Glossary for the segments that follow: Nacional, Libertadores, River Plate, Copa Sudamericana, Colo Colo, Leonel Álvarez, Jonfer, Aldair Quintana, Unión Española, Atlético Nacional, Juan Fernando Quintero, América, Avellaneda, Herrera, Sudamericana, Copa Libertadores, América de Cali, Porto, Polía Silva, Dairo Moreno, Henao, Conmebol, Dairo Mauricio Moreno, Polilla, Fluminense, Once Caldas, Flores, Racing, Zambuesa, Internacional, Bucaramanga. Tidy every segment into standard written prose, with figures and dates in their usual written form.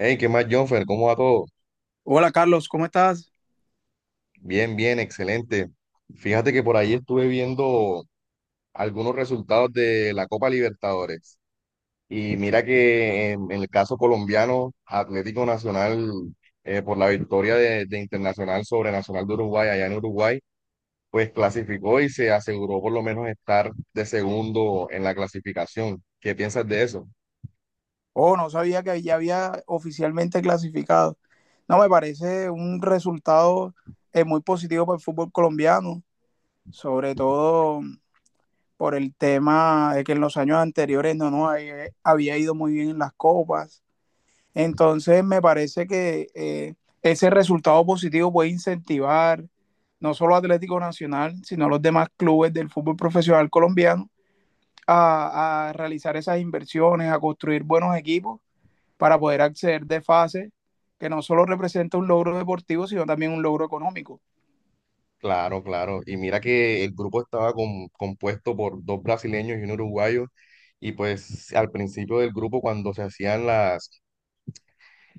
Hey, ¿qué más, Jonfer? ¿Cómo va todo? Hola Carlos, ¿cómo estás? Bien, bien, excelente. Fíjate que por ahí estuve viendo algunos resultados de la Copa Libertadores. Y mira que en el caso colombiano, Atlético Nacional, por la victoria de Internacional sobre Nacional de Uruguay allá en Uruguay, pues clasificó y se aseguró por lo menos estar de segundo en la clasificación. ¿Qué piensas de eso? Oh, no sabía que ya había oficialmente clasificado. No, me parece un resultado muy positivo para el fútbol colombiano, sobre todo por el tema de que en los años anteriores no nos había ido muy bien en las copas. Entonces, me parece que ese resultado positivo puede incentivar no solo a Atlético Nacional, sino a los demás clubes del fútbol profesional colombiano a realizar esas inversiones, a construir buenos equipos para poder acceder de fase, que no solo representa un logro deportivo, sino también un logro económico. Claro, claro. Y mira que el grupo estaba compuesto por dos brasileños y un uruguayo. Y pues al principio del grupo, cuando se hacían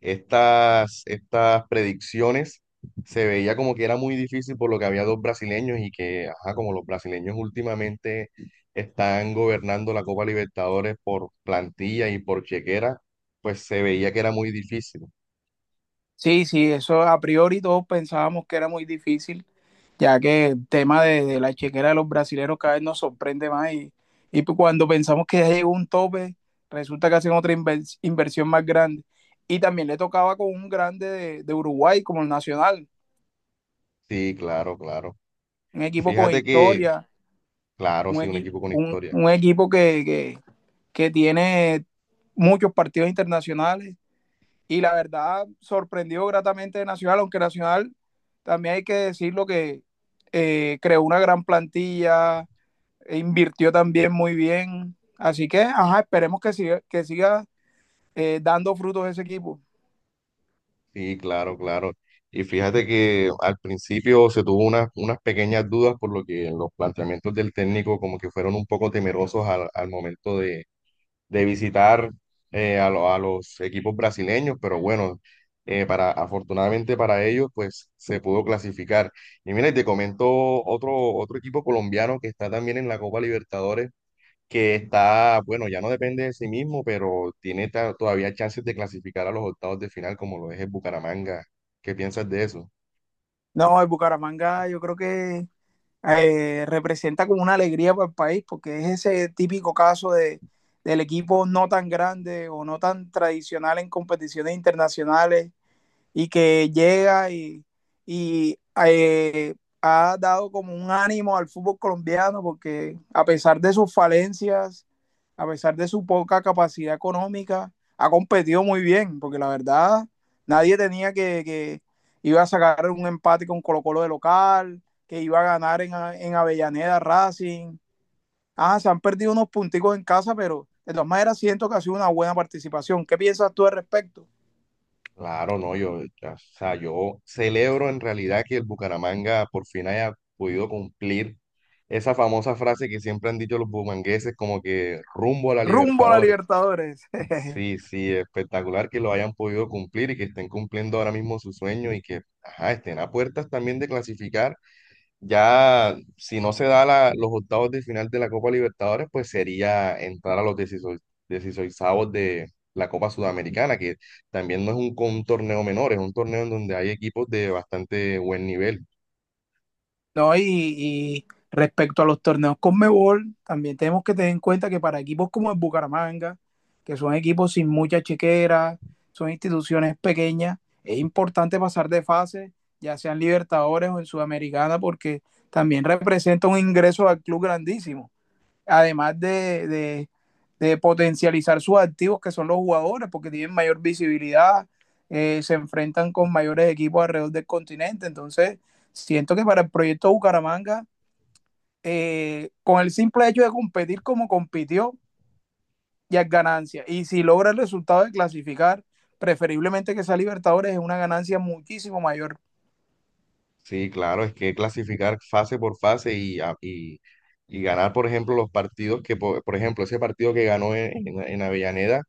estas predicciones, se veía como que era muy difícil por lo que había dos brasileños y que, ajá, como los brasileños últimamente están gobernando la Copa Libertadores por plantilla y por chequera, pues se veía que era muy difícil. Sí, sí, eso a priori todos pensábamos que era muy difícil, ya que el tema de la chequera de los brasileros cada vez nos sorprende más y pues cuando pensamos que ya llegó un tope, resulta que hacen otra inversión más grande. Y también le tocaba con un grande de Uruguay como el Nacional, Sí, claro, claro. un equipo con Fíjate que, historia, claro, sí, un equipo con historia. un equipo que tiene muchos partidos internacionales y la verdad sorprendió gratamente de Nacional, aunque Nacional también hay que decirlo que creó una gran plantilla, e invirtió también muy bien. Así que, ajá, esperemos que que siga dando frutos ese equipo. Sí, claro, claro. Y fíjate que al principio se tuvo unas pequeñas dudas por lo que los planteamientos del técnico como que fueron un poco temerosos al momento de visitar a los equipos brasileños, pero bueno, afortunadamente para ellos pues se pudo clasificar. Y mira, y te comento otro equipo colombiano que está también en la Copa Libertadores que está, bueno, ya no depende de sí mismo, pero tiene todavía chances de clasificar a los octavos de final, como lo es el Bucaramanga. ¿Qué piensas de eso? No, el Bucaramanga yo creo que representa como una alegría para el país, porque es ese típico caso de, del equipo no tan grande o no tan tradicional en competiciones internacionales y que llega y eh, ha dado como un ánimo al fútbol colombiano porque a pesar de sus falencias, a pesar de su poca capacidad económica, ha competido muy bien, porque la verdad nadie tenía que iba a sacar un empate con Colo Colo de local, que iba a ganar en Avellaneda Racing. Ah, se han perdido unos punticos en casa, pero de todas maneras siento que ha sido una buena participación. ¿Qué piensas tú al respecto? Claro, no, yo, o sea, yo celebro en realidad que el Bucaramanga por fin haya podido cumplir esa famosa frase que siempre han dicho los bumangueses, como que rumbo a la Rumbo a la Libertadores. Libertadores. Sí, sí, espectacular que lo hayan podido cumplir y que estén cumpliendo ahora mismo su sueño y que, ajá, estén a puertas también de clasificar. Ya, si no se da los octavos de final de la Copa Libertadores, pues sería entrar a los 16, 16 de la Copa Sudamericana, que también no es un torneo menor, es un torneo en donde hay equipos de bastante buen nivel. ¿No? Y respecto a los torneos Conmebol, también tenemos que tener en cuenta que para equipos como el Bucaramanga, que son equipos sin mucha chequera, son instituciones pequeñas, es importante pasar de fase, ya sean Libertadores o en Sudamericana, porque también representa un ingreso al club grandísimo además de potencializar sus activos, que son los jugadores, porque tienen mayor visibilidad, se enfrentan con mayores equipos alrededor del continente. Entonces, siento que para el proyecto Bucaramanga, con el simple hecho de competir como compitió, ya es ganancia. Y si logra el resultado de clasificar, preferiblemente que sea Libertadores, es una ganancia muchísimo mayor. Sí, claro, es que clasificar fase por fase y, y ganar, por ejemplo, los partidos que, ejemplo, ese partido que ganó en Avellaneda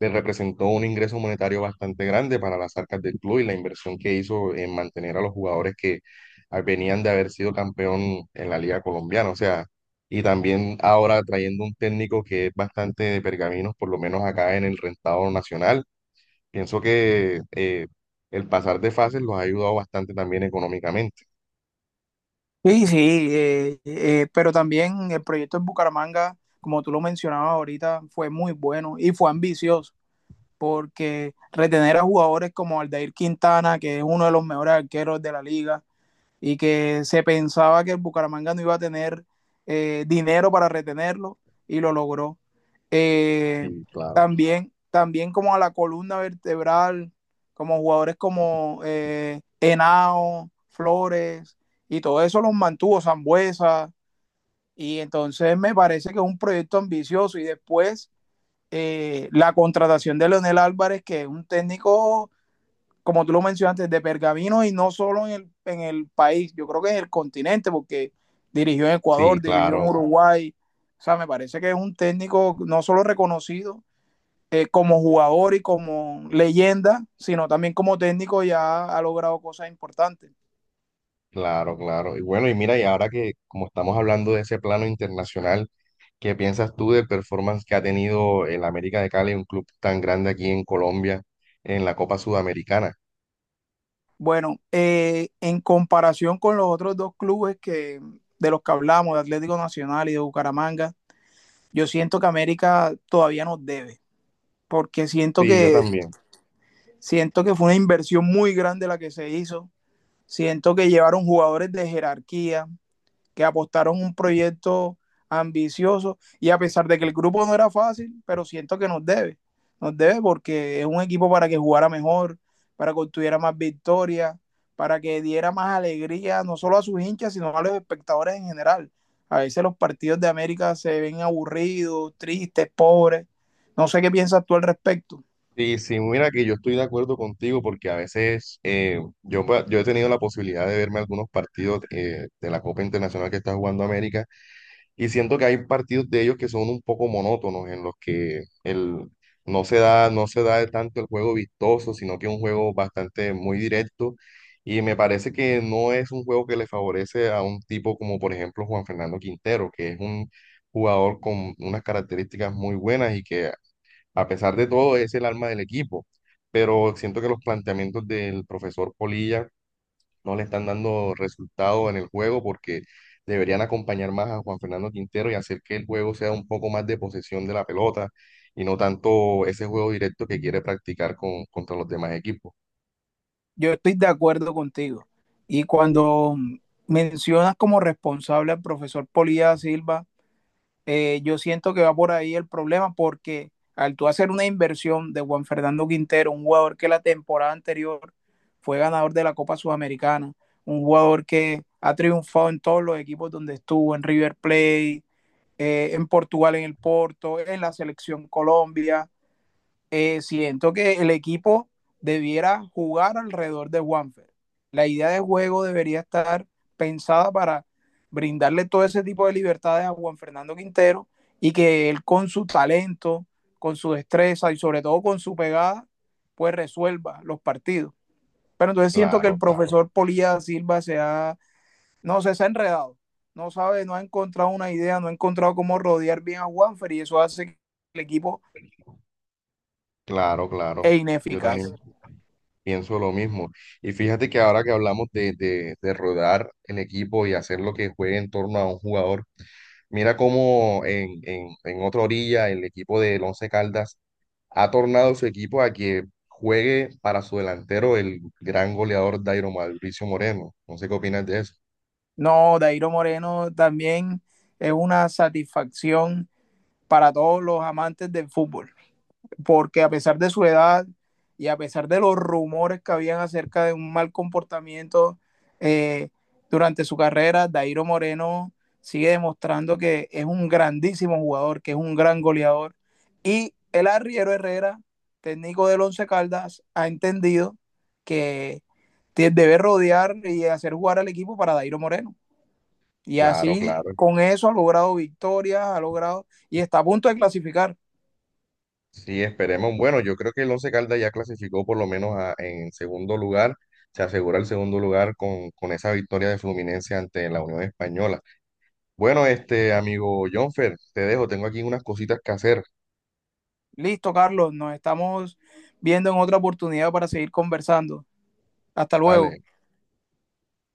le representó un ingreso monetario bastante grande para las arcas del club y la inversión que hizo en mantener a los jugadores que ah, venían de haber sido campeón en la Liga Colombiana. O sea, y también ahora trayendo un técnico que es bastante de pergaminos, por lo menos acá en el rentado nacional. Pienso que el pasar de fases los ha ayudado bastante también económicamente. Sí, sí, pero también el proyecto en Bucaramanga, como tú lo mencionabas ahorita, fue muy bueno y fue ambicioso. Porque retener a jugadores como Aldair Quintana, que es uno de los mejores arqueros de la liga, y que se pensaba que el Bucaramanga no iba a tener dinero para retenerlo, y lo logró. Eh, Sí, claro. también, también como a la columna vertebral, como jugadores como Henao, Flores, y todo eso los mantuvo Zambuesa, y entonces me parece que es un proyecto ambicioso, y después la contratación de Leonel Álvarez, que es un técnico, como tú lo mencionaste, de pergamino y no solo en en el país, yo creo que en el continente, porque dirigió en Sí, Ecuador, dirigió en claro, Uruguay. O sea, me parece que es un técnico no solo reconocido como jugador y como leyenda, sino también como técnico ya ha logrado cosas importantes. claro, claro. Y bueno, y mira, y ahora que como estamos hablando de ese plano internacional, ¿qué piensas tú del performance que ha tenido el América de Cali, un club tan grande aquí en Colombia, en la Copa Sudamericana? Bueno, en comparación con los otros dos clubes que, de los que hablamos, de Atlético Nacional y de Bucaramanga, yo siento que América todavía nos debe, porque Sí, yo también. siento que fue una inversión muy grande la que se hizo. Siento que llevaron jugadores de jerarquía, que apostaron un proyecto ambicioso y a pesar de que el grupo no era fácil, pero siento que nos debe porque es un equipo para que jugara mejor, para que obtuviera más victorias, para que diera más alegría no solo a sus hinchas, sino a los espectadores en general. A veces los partidos de América se ven aburridos, tristes, pobres. No sé qué piensas tú al respecto. Sí, sí, mira que yo estoy de acuerdo contigo porque a veces yo he tenido la posibilidad de verme algunos partidos de la Copa Internacional que está jugando América. Y siento que hay partidos de ellos que son un poco monótonos, en los que no se da tanto el juego vistoso, sino que es un juego bastante muy directo. Y me parece que no es un juego que le favorece a un tipo como, por ejemplo, Juan Fernando Quintero, que es un jugador con unas características muy buenas y que, a pesar de todo, es el alma del equipo. Pero siento que los planteamientos del profesor Polilla no le están dando resultado en el juego porque deberían acompañar más a Juan Fernando Quintero y hacer que el juego sea un poco más de posesión de la pelota y no tanto ese juego directo que quiere practicar contra los demás equipos. Yo estoy de acuerdo contigo. Y cuando mencionas como responsable al profesor Polía Silva, yo siento que va por ahí el problema porque al tú hacer una inversión de Juan Fernando Quintero, un jugador que la temporada anterior fue ganador de la Copa Sudamericana, un jugador que ha triunfado en todos los equipos donde estuvo, en River Plate, en Portugal, en el Porto, en la selección Colombia, siento que el equipo debiera jugar alrededor de Juanfer. La idea de juego debería estar pensada para brindarle todo ese tipo de libertades a Juan Fernando Quintero y que él con su talento, con su destreza y sobre todo con su pegada, pues resuelva los partidos. Pero entonces siento que Claro, el claro, profesor Polilla Silva se ha, no sé, se ha enredado. No sabe, no ha encontrado una idea, no ha encontrado cómo rodear bien a Juanfer y eso hace que el equipo claro, claro. es Yo ineficaz. también pienso lo mismo. Y fíjate que ahora que hablamos de rodar el equipo y hacer lo que juegue en torno a un jugador, mira cómo en otra orilla el equipo del Once Caldas ha tornado su equipo a que juegue para su delantero el gran goleador Dairo Mauricio Moreno. No sé qué opinas de eso. No, Dairo Moreno también es una satisfacción para todos los amantes del fútbol, porque a pesar de su edad y a pesar de los rumores que habían acerca de un mal comportamiento eh, durante su carrera, Dairo Moreno sigue demostrando que es un grandísimo jugador, que es un gran goleador. Y el arriero Herrera, técnico del Once Caldas, ha entendido que debe rodear y hacer jugar al equipo para Dairo Moreno. Y Claro, así, claro. con eso ha logrado victorias, ha logrado y está a punto de clasificar. Sí, esperemos. Bueno, yo creo que el Once Caldas ya clasificó por lo menos en segundo lugar. Se asegura el segundo lugar con esa victoria de Fluminense ante la Unión Española. Bueno, este amigo Jonfer, te dejo. Tengo aquí unas cositas que hacer. Listo, Carlos, nos estamos viendo en otra oportunidad para seguir conversando. Hasta luego. Dale.